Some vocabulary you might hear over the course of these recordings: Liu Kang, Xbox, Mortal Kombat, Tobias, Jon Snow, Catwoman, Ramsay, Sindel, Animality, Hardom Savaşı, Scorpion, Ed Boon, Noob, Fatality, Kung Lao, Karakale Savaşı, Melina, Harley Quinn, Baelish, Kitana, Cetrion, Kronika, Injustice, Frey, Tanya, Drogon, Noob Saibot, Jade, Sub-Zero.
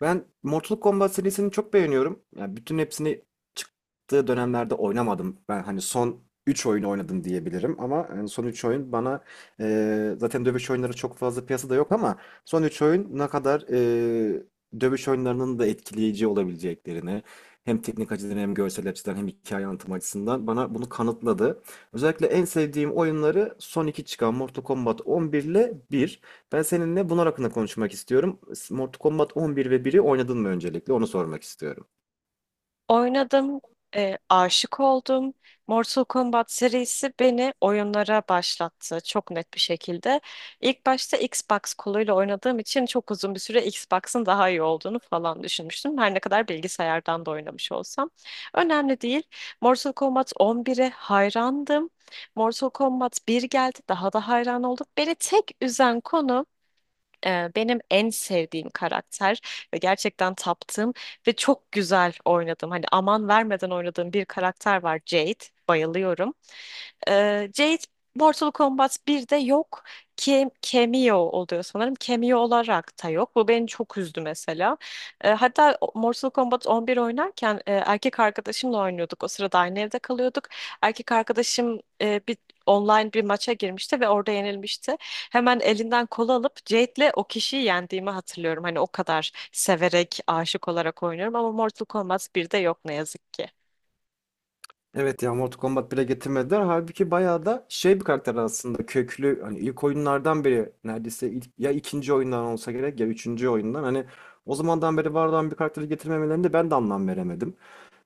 Ben Mortal Kombat serisini çok beğeniyorum. Yani bütün hepsini çıktığı dönemlerde oynamadım. Ben hani son 3 oyunu oynadım diyebilirim ama yani son 3 oyun bana zaten dövüş oyunları çok fazla piyasada yok ama son 3 oyun ne kadar dövüş oyunlarının da etkileyici olabileceklerini hem teknik açıdan hem görsel açıdan hem hikaye anlatım açısından bana bunu kanıtladı. Özellikle en sevdiğim oyunları son 2 çıkan Mortal Kombat 11 ile bir. Ben seninle bunlar hakkında konuşmak istiyorum. Mortal Kombat 11 ve biri oynadın mı öncelikle? Onu sormak istiyorum. Oynadım, aşık oldum. Mortal Kombat serisi beni oyunlara başlattı çok net bir şekilde. İlk başta Xbox koluyla oynadığım için çok uzun bir süre Xbox'ın daha iyi olduğunu falan düşünmüştüm. Her ne kadar bilgisayardan da oynamış olsam. Önemli değil. Mortal Kombat 11'e hayrandım. Mortal Kombat Bir geldi, daha da hayran oldum. Beni tek üzen konu benim en sevdiğim karakter ve gerçekten taptığım ve çok güzel oynadığım hani aman vermeden oynadığım bir karakter var Jade. Bayılıyorum. Jade Mortal Kombat 1'de yok. Cameo oluyor sanırım. Cameo olarak da yok. Bu beni çok üzdü mesela. Mortal Kombat 11 oynarken erkek arkadaşımla oynuyorduk. O sırada aynı evde kalıyorduk. Erkek arkadaşım online bir maça girmişti ve orada yenilmişti. Hemen elinden kolu alıp Jade'le o kişiyi yendiğimi hatırlıyorum. Hani o kadar severek, aşık olarak oynuyorum ama Mortal Kombat 1'de yok ne yazık ki. Evet ya, Mortal Kombat 1'e getirmediler. Halbuki bayağı da şey bir karakter aslında, köklü. Hani ilk oyunlardan biri, neredeyse ilk, ya ikinci oyundan olsa gerek ya üçüncü oyundan. Hani o zamandan beri var olan bir karakteri getirmemelerinde ben de anlam veremedim.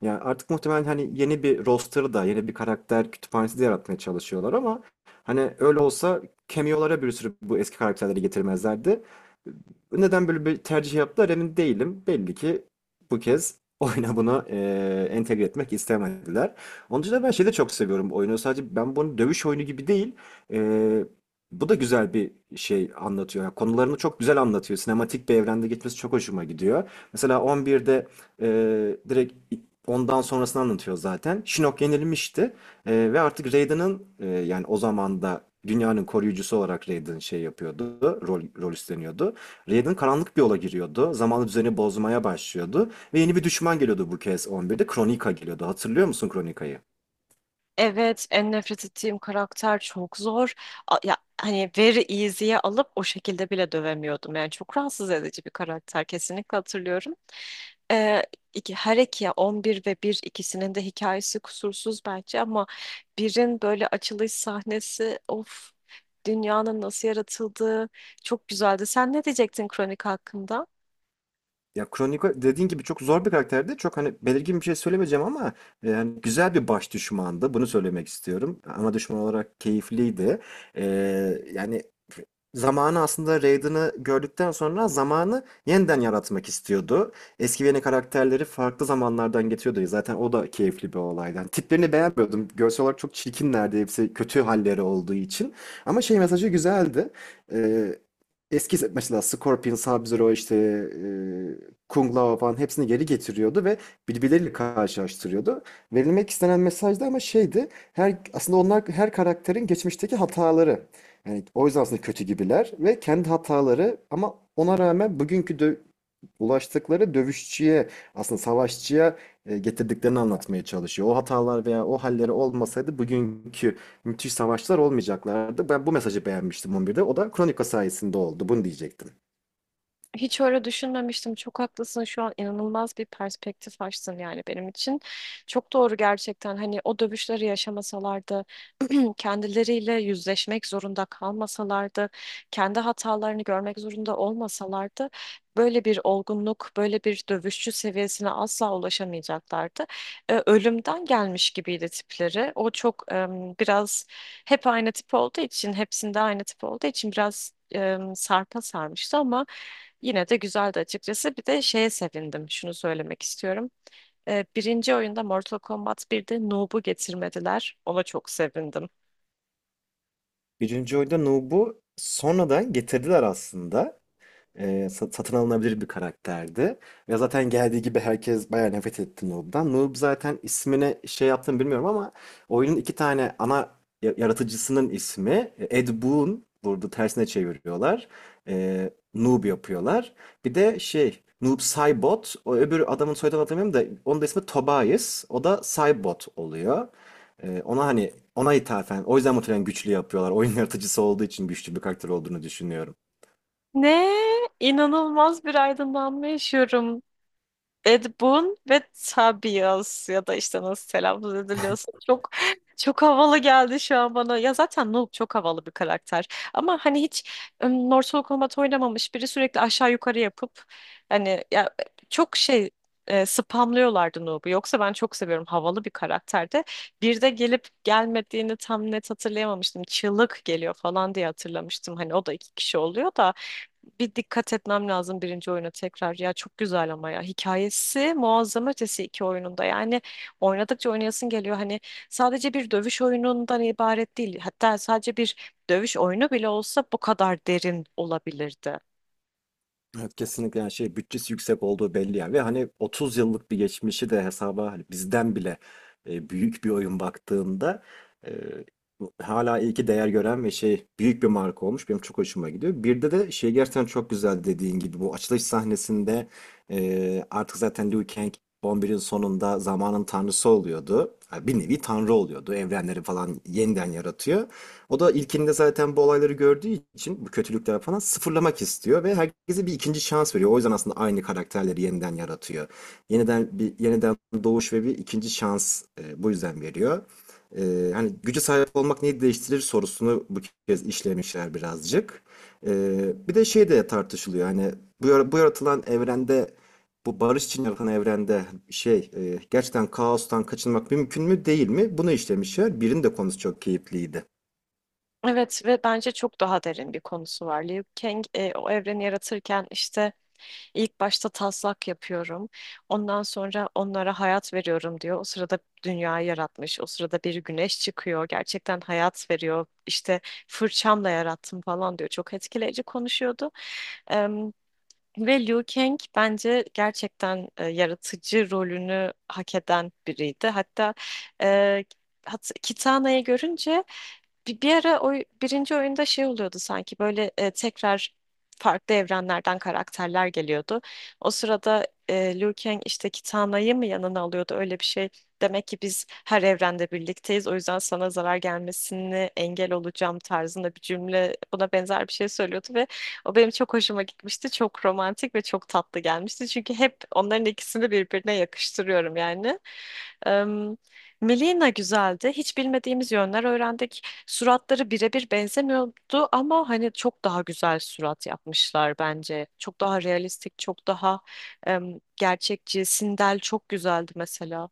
Yani artık muhtemelen hani yeni bir roster da, yeni bir karakter kütüphanesi de yaratmaya çalışıyorlar ama hani öyle olsa cameo'lara bir sürü bu eski karakterleri getirmezlerdi. Neden böyle bir tercih yaptılar emin değilim. Belli ki bu kez oyuna bunu entegre etmek istemediler. Onun için de ben şeyi de çok seviyorum bu oyunu. Sadece ben bunu dövüş oyunu gibi değil, e, bu da güzel bir şey anlatıyor. Yani konularını çok güzel anlatıyor. Sinematik bir evrende gitmesi çok hoşuma gidiyor. Mesela 11'de e, direkt ondan sonrasını anlatıyor zaten. Shinnok yenilmişti. Ve artık Raiden'ın, yani o zaman da dünyanın koruyucusu olarak Raiden şey yapıyordu, rol üstleniyordu. Raiden karanlık bir yola giriyordu. Zamanlı düzeni bozmaya başlıyordu. Ve yeni bir düşman geliyordu bu kez 11'de. Kronika geliyordu. Hatırlıyor musun Kronika'yı? Evet, en nefret ettiğim karakter çok zor. Ya hani very easy'ye alıp o şekilde bile dövemiyordum. Yani çok rahatsız edici bir karakter kesinlikle hatırlıyorum. Ee, her iki 11 ve 1 ikisinin de hikayesi kusursuz bence ama birin böyle açılış sahnesi of dünyanın nasıl yaratıldığı çok güzeldi. Sen ne diyecektin kronik hakkında? Ya Kronika dediğin gibi çok zor bir karakterdi. Çok hani belirgin bir şey söylemeyeceğim ama yani güzel bir baş düşmandı. Bunu söylemek istiyorum. Ana düşman olarak keyifliydi. Yani zamanı, aslında Raiden'ı gördükten sonra zamanı yeniden yaratmak istiyordu. Eski ve yeni karakterleri farklı zamanlardan getiriyordu. Zaten o da keyifli bir olaydı. Yani tiplerini beğenmiyordum. Görsel olarak çok çirkinlerdi. Hepsi kötü halleri olduğu için. Ama şey, mesajı güzeldi. Ee, Eski mesela Scorpion, Sub-Zero işte Kung Lao falan hepsini geri getiriyordu ve birbirleriyle karşılaştırıyordu. Verilmek istenen mesaj da ama şeydi. Her, aslında onlar her karakterin geçmişteki hataları. Yani o yüzden aslında kötü gibiler ve kendi hataları ama ona rağmen bugünkü ulaştıkları dövüşçüye, aslında savaşçıya getirdiklerini anlatmaya çalışıyor. O hatalar veya o halleri olmasaydı bugünkü müthiş savaşlar olmayacaklardı. Ben bu mesajı beğenmiştim 11'de. O da Kronika sayesinde oldu. Bunu diyecektim. Hiç öyle düşünmemiştim. Çok haklısın. Şu an inanılmaz bir perspektif açtın yani benim için. Çok doğru gerçekten. Hani o dövüşleri yaşamasalardı, kendileriyle yüzleşmek zorunda kalmasalardı, kendi hatalarını görmek zorunda olmasalardı, böyle bir olgunluk, böyle bir dövüşçü seviyesine asla ulaşamayacaklardı. Ölümden gelmiş gibiydi tipleri. O çok biraz hep aynı tip olduğu için, hepsinde aynı tip olduğu için biraz sarpa sarmıştı ama yine de güzeldi açıkçası. Bir de şeye sevindim. Şunu söylemek istiyorum. Birinci oyunda Mortal Kombat 1'de Noob'u getirmediler. Ona çok sevindim. Birinci oyunda Nub'u sonradan getirdiler aslında. Satın alınabilir bir karakterdi. Ve zaten geldiği gibi herkes bayağı nefret etti Noob'dan. Noob zaten ismine şey yaptığını bilmiyorum ama oyunun iki tane ana yaratıcısının ismi, Ed Boon, burada tersine çeviriyorlar. Noob yapıyorlar. Bir de şey, Noob Saibot. O öbür adamın soyadını hatırlamıyorum da onun da ismi Tobias. O da Saibot oluyor. Ona ithafen, o yüzden muhtemelen güçlü yapıyorlar. Oyun yaratıcısı olduğu için güçlü bir karakter olduğunu düşünüyorum. Ne? İnanılmaz bir aydınlanma yaşıyorum. Ed Boon ve Tobias ya da işte nasıl telaffuz ediliyorsa çok çok havalı geldi şu an bana. Ya zaten Nook çok havalı bir karakter. Ama hani hiç Mortal Kombat oynamamış biri sürekli aşağı yukarı yapıp hani ya çok şey spamlıyorlardı Noob'u. Yoksa ben çok seviyorum havalı bir karakterde. Bir de gelip gelmediğini tam net hatırlayamamıştım. Çığlık geliyor falan diye hatırlamıştım. Hani o da iki kişi oluyor da bir dikkat etmem lazım birinci oyuna tekrar. Ya çok güzel ama ya. Hikayesi muazzam ötesi iki oyununda. Yani oynadıkça oynayasın geliyor. Hani sadece bir dövüş oyunundan ibaret değil. Hatta sadece bir dövüş oyunu bile olsa bu kadar derin olabilirdi. Evet, kesinlikle. Yani şey, bütçesi yüksek olduğu belli yani ve hani 30 yıllık bir geçmişi de hesaba, hani bizden bile büyük bir oyun baktığında, e, hala iyi ki değer gören ve şey, büyük bir marka olmuş, benim çok hoşuma gidiyor. Bir de şey, gerçekten çok güzel dediğin gibi bu açılış sahnesinde artık zaten Liu Kang 11'in sonunda zamanın tanrısı oluyordu. Ha, bir nevi tanrı oluyordu. Evrenleri falan yeniden yaratıyor. O da ilkinde zaten bu olayları gördüğü için bu kötülükler falan sıfırlamak istiyor ve herkese bir ikinci şans veriyor. O yüzden aslında aynı karakterleri yeniden yaratıyor. Yeniden bir doğuş ve bir ikinci şans, bu yüzden veriyor. Hani gücü sahip olmak neyi değiştirir sorusunu bu kez işlemişler birazcık. Bir de şey de tartışılıyor. Hani bu, bu yaratılan evrende, bu barış için yaratılan evrende şey, gerçekten kaostan kaçınmak mümkün mü değil mi? Bunu işlemişler. Birin de konusu çok keyifliydi. Evet ve bence çok daha derin bir konusu var. Liu Kang o evreni yaratırken işte ilk başta taslak yapıyorum. Ondan sonra onlara hayat veriyorum diyor. O sırada dünyayı yaratmış. O sırada bir güneş çıkıyor. Gerçekten hayat veriyor. İşte fırçamla yarattım falan diyor. Çok etkileyici konuşuyordu. Ve Liu Kang bence gerçekten yaratıcı rolünü hak eden biriydi. Hatta e, hat Kitana'yı görünce bir ara o birinci oyunda şey oluyordu sanki böyle tekrar farklı evrenlerden karakterler geliyordu. O sırada Liu Kang işte Kitana'yı mı yanına alıyordu öyle bir şey. Demek ki biz her evrende birlikteyiz. O yüzden sana zarar gelmesini engel olacağım tarzında bir cümle buna benzer bir şey söylüyordu ve o benim çok hoşuma gitmişti. Çok romantik ve çok tatlı gelmişti. Çünkü hep onların ikisini birbirine yakıştırıyorum yani. Em, Melina güzeldi. Hiç bilmediğimiz yönler öğrendik. Suratları birebir benzemiyordu ama hani çok daha güzel surat yapmışlar bence. Çok daha realistik, çok daha gerçekçi. Sindel çok güzeldi mesela.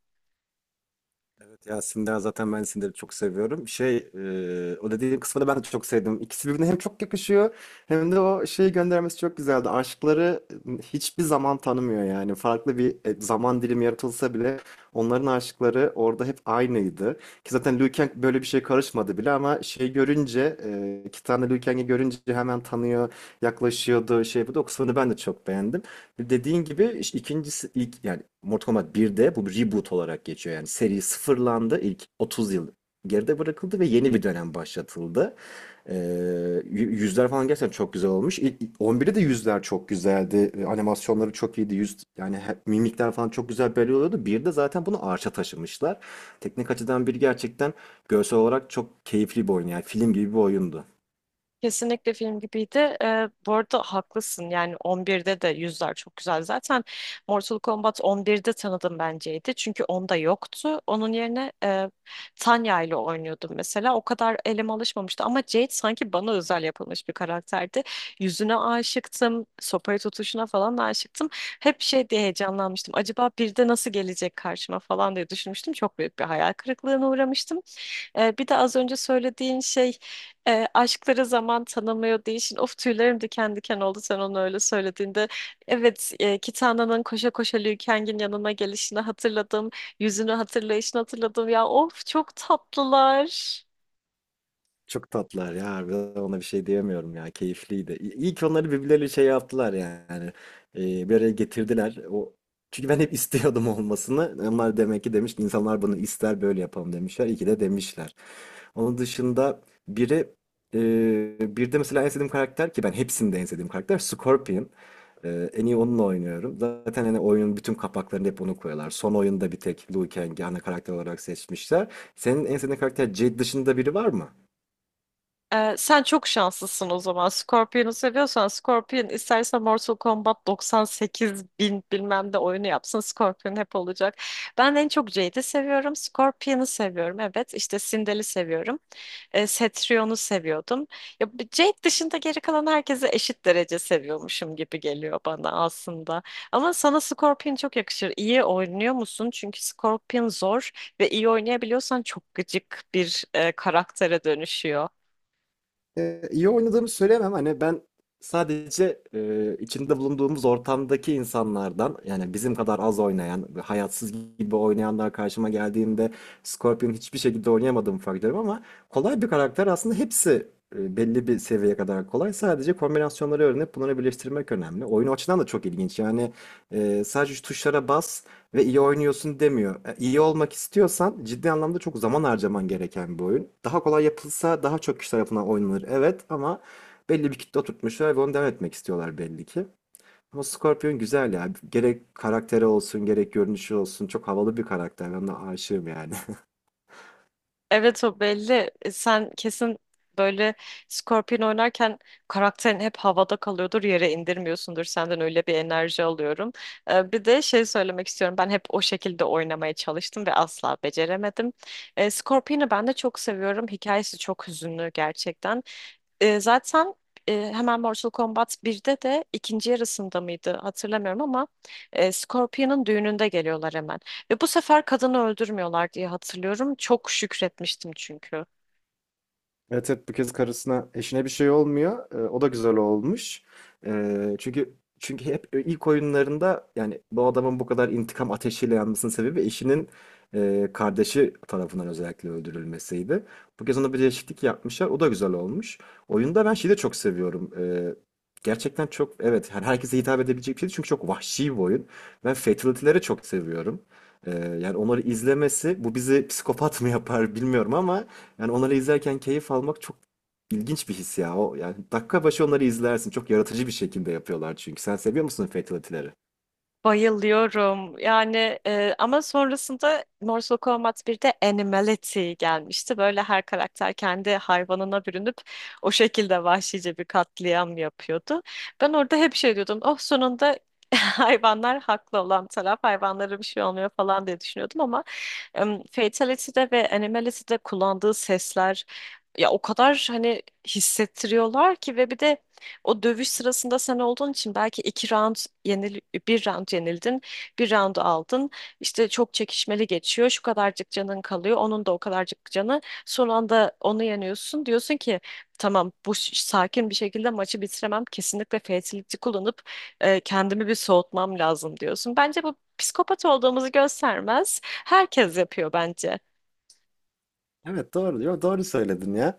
Evet, ya Sindan zaten ben Sindan'ı çok seviyorum. Şey, o dediğim kısmı da ben de çok sevdim. İkisi birbirine hem çok yakışıyor hem de o şeyi göndermesi çok güzeldi. Aşkları hiçbir zaman tanımıyor yani. Farklı bir zaman dilimi yaratılsa bile onların aşkları orada hep aynıydı. Ki zaten Liu Kang böyle bir şey karışmadı bile ama şey görünce, iki tane Liu Kang'i görünce hemen tanıyor, yaklaşıyordu, şey, bu da o kısmını ben de çok beğendim. Dediğin gibi işte ikincisi ilk, yani Mortal Kombat 1'de bu bir reboot olarak geçiyor. Yani seri sıfırlandı. İlk 30 yıl geride bırakıldı ve yeni bir dönem başlatıldı. Ee, yü- Yüzler falan gerçekten çok güzel olmuş. İlk, 11'de de yüzler çok güzeldi. Animasyonları çok iyiydi. Yüz yani mimikler falan çok güzel belli oluyordu. 1'de zaten bunu arşa taşımışlar. Teknik açıdan bir gerçekten, görsel olarak çok keyifli bir oyun. Yani film gibi bir oyundu. Kesinlikle film gibiydi. Bu arada haklısın. Yani 11'de de yüzler çok güzel. Zaten Mortal Kombat 11'de tanıdım benceydi. Çünkü onda yoktu. Onun yerine Tanya ile oynuyordum mesela. O kadar elim alışmamıştı. Ama Jade sanki bana özel yapılmış bir karakterdi. Yüzüne aşıktım. Sopayı tutuşuna falan da aşıktım. Hep şey diye heyecanlanmıştım. Acaba bir de nasıl gelecek karşıma falan diye düşünmüştüm. Çok büyük bir hayal kırıklığına uğramıştım. Bir de az önce söylediğin şey aşklara zaman tanımıyor değilsin. Of, tüylerim diken diken oldu sen onu öyle söylediğinde. Evet, Kitana'nın koşa koşa Liu Kang'in yanına gelişini hatırladım. Yüzünü hatırlayışını hatırladım. Ya of, çok tatlılar. Çok tatlılar ya, harbiden ona bir şey diyemiyorum ya, keyifliydi. İyi ki onları birbirleriyle şey yaptılar yani, bir araya getirdiler. O, çünkü ben hep istiyordum olmasını. Onlar demek ki, demiş insanlar bunu ister böyle yapalım, demişler. İyi ki de demişler. Onun dışında biri, bir de mesela en sevdiğim karakter, ki ben hepsinde en sevdiğim karakter Scorpion. En iyi onunla oynuyorum. Zaten hani oyunun bütün kapaklarını hep onu koyuyorlar. Son oyunda bir tek Liu Kang'i ana karakter olarak seçmişler. Senin en sevdiğin karakter Jade dışında biri var mı? Sen çok şanslısın o zaman. Scorpion'u seviyorsan Scorpion isterse Mortal Kombat 98 bin bilmem de oyunu yapsın. Scorpion hep olacak. Ben en çok Jade'i seviyorum. Scorpion'u seviyorum. Evet işte Sindel'i seviyorum. Cetrion'u seviyordum. Ya, bu Jade dışında geri kalan herkesi eşit derece seviyormuşum gibi geliyor bana aslında. Ama sana Scorpion çok yakışır. İyi oynuyor musun? Çünkü Scorpion zor ve iyi oynayabiliyorsan çok gıcık bir karaktere dönüşüyor. İyi oynadığımı söyleyemem. Hani ben sadece içinde bulunduğumuz ortamdaki insanlardan, yani bizim kadar az oynayan, hayatsız gibi oynayanlar karşıma geldiğinde Scorpion hiçbir şekilde oynayamadığımı fark ediyorum ama kolay bir karakter aslında, hepsi belli bir seviyeye kadar kolay. Sadece kombinasyonları öğrenip bunları birleştirmek önemli. Oyun o açıdan da çok ilginç. Yani sadece şu tuşlara bas ve iyi oynuyorsun demiyor. E, İyi olmak istiyorsan ciddi anlamda çok zaman harcaman gereken bir oyun. Daha kolay yapılsa daha çok kişi tarafından oynanır. Evet ama belli bir kitle oturtmuşlar ve onu devam etmek istiyorlar belli ki. Ama Scorpion güzel ya. Gerek karakteri olsun, gerek görünüşü olsun. Çok havalı bir karakter. Ben de aşığım yani. Evet, o belli. Sen kesin böyle Scorpion oynarken karakterin hep havada kalıyordur, yere indirmiyorsundur. Senden öyle bir enerji alıyorum. Bir de şey söylemek istiyorum. Ben hep o şekilde oynamaya çalıştım ve asla beceremedim. Scorpion'u ben de çok seviyorum. Hikayesi çok hüzünlü gerçekten. E, zaten Hemen Mortal Kombat birde de ikinci yarısında mıydı hatırlamıyorum ama Scorpion'un düğününde geliyorlar hemen. Ve bu sefer kadını öldürmüyorlar diye hatırlıyorum. Çok şükretmiştim çünkü. Evet, evet, bu kez karısına, eşine bir şey olmuyor. O da güzel olmuş. Ee, çünkü çünkü hep ilk oyunlarında yani bu adamın bu kadar intikam ateşiyle yanmasının sebebi eşinin kardeşi tarafından özellikle öldürülmesiydi. Bu kez ona bir değişiklik yapmışlar. O da güzel olmuş. Oyunda ben şeyi de çok seviyorum. Gerçekten çok, evet, her herkese hitap edebilecek bir şey çünkü çok vahşi bir oyun. Ben fatality'leri çok seviyorum. Ee, Yani onları izlemesi bu bizi psikopat mı yapar bilmiyorum ama yani onları izlerken keyif almak çok ilginç bir his ya. O, yani dakika başı onları izlersin. Çok yaratıcı bir şekilde yapıyorlar çünkü. Sen seviyor musun fatality'leri? Bayılıyorum. Yani, ama sonrasında Mortal Kombat 1'de Animality gelmişti. Böyle her karakter kendi hayvanına bürünüp o şekilde vahşice bir katliam yapıyordu. Ben orada hep şey diyordum. Oh, sonunda hayvanlar haklı olan taraf, hayvanlara bir şey olmuyor falan diye düşünüyordum ama Fatality'de ve Animality'de kullandığı sesler ya o kadar hani hissettiriyorlar ki ve bir de o dövüş sırasında sen olduğun için belki iki round yenil bir round yenildin, bir round aldın. İşte çok çekişmeli geçiyor. Şu kadarcık canın kalıyor. Onun da o kadarcık canı. Son anda onu yeniyorsun. Diyorsun ki tamam bu sakin bir şekilde maçı bitiremem. Kesinlikle fatality kullanıp kendimi bir soğutmam lazım diyorsun. Bence bu psikopat olduğumuzu göstermez. Herkes yapıyor bence. Evet, doğru diyor. Doğru söyledin ya.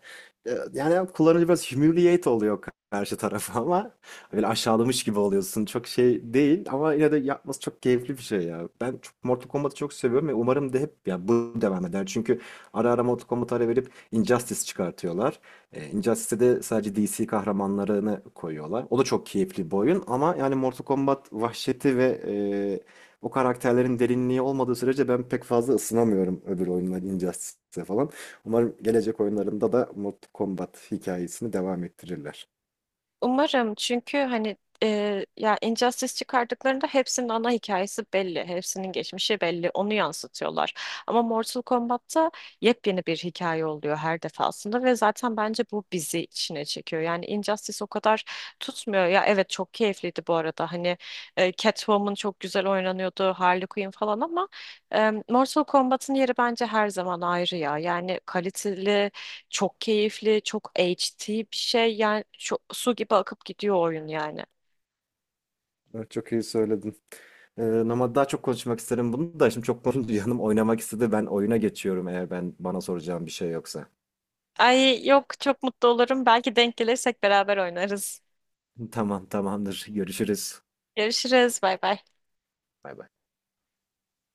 Yani kullanıcı biraz humiliate oluyor karşı tarafa ama, böyle aşağılamış gibi oluyorsun. Çok şey değil ama yine de yapması çok keyifli bir şey ya. Ben çok Mortal Kombat'ı çok seviyorum ve umarım da hep ya bu devam eder. Çünkü ara ara Mortal Kombat'a ara verip Injustice çıkartıyorlar. Injustice'de de sadece DC kahramanlarını koyuyorlar. O da çok keyifli bir oyun ama yani Mortal Kombat vahşeti ve e, o karakterlerin derinliği olmadığı sürece ben pek fazla ısınamıyorum öbür oyunlar, Injustice'e falan. Umarım gelecek oyunlarında da Mortal Kombat hikayesini devam ettirirler. Umarım, çünkü hani ya Injustice çıkardıklarında hepsinin ana hikayesi belli. Hepsinin geçmişi belli. Onu yansıtıyorlar. Ama Mortal Kombat'ta yepyeni bir hikaye oluyor her defasında ve zaten bence bu bizi içine çekiyor. Yani Injustice o kadar tutmuyor. Ya evet, çok keyifliydi bu arada. Hani Catwoman çok güzel oynanıyordu. Harley Quinn falan ama Mortal Kombat'ın yeri bence her zaman ayrı ya. Yani kaliteli, çok keyifli, çok HD bir şey. Yani çok, su gibi akıp gidiyor oyun yani. Evet, çok iyi söyledin. Ee, Ama daha çok konuşmak isterim, bunu da şimdi çok konuşunca yanım oynamak istedi. Ben oyuna geçiyorum eğer ben bana soracağım bir şey yoksa. Ay yok, çok mutlu olurum. Belki denk gelirsek beraber oynarız. Tamam, tamamdır. Görüşürüz. Görüşürüz. Bay bay. Bay bay.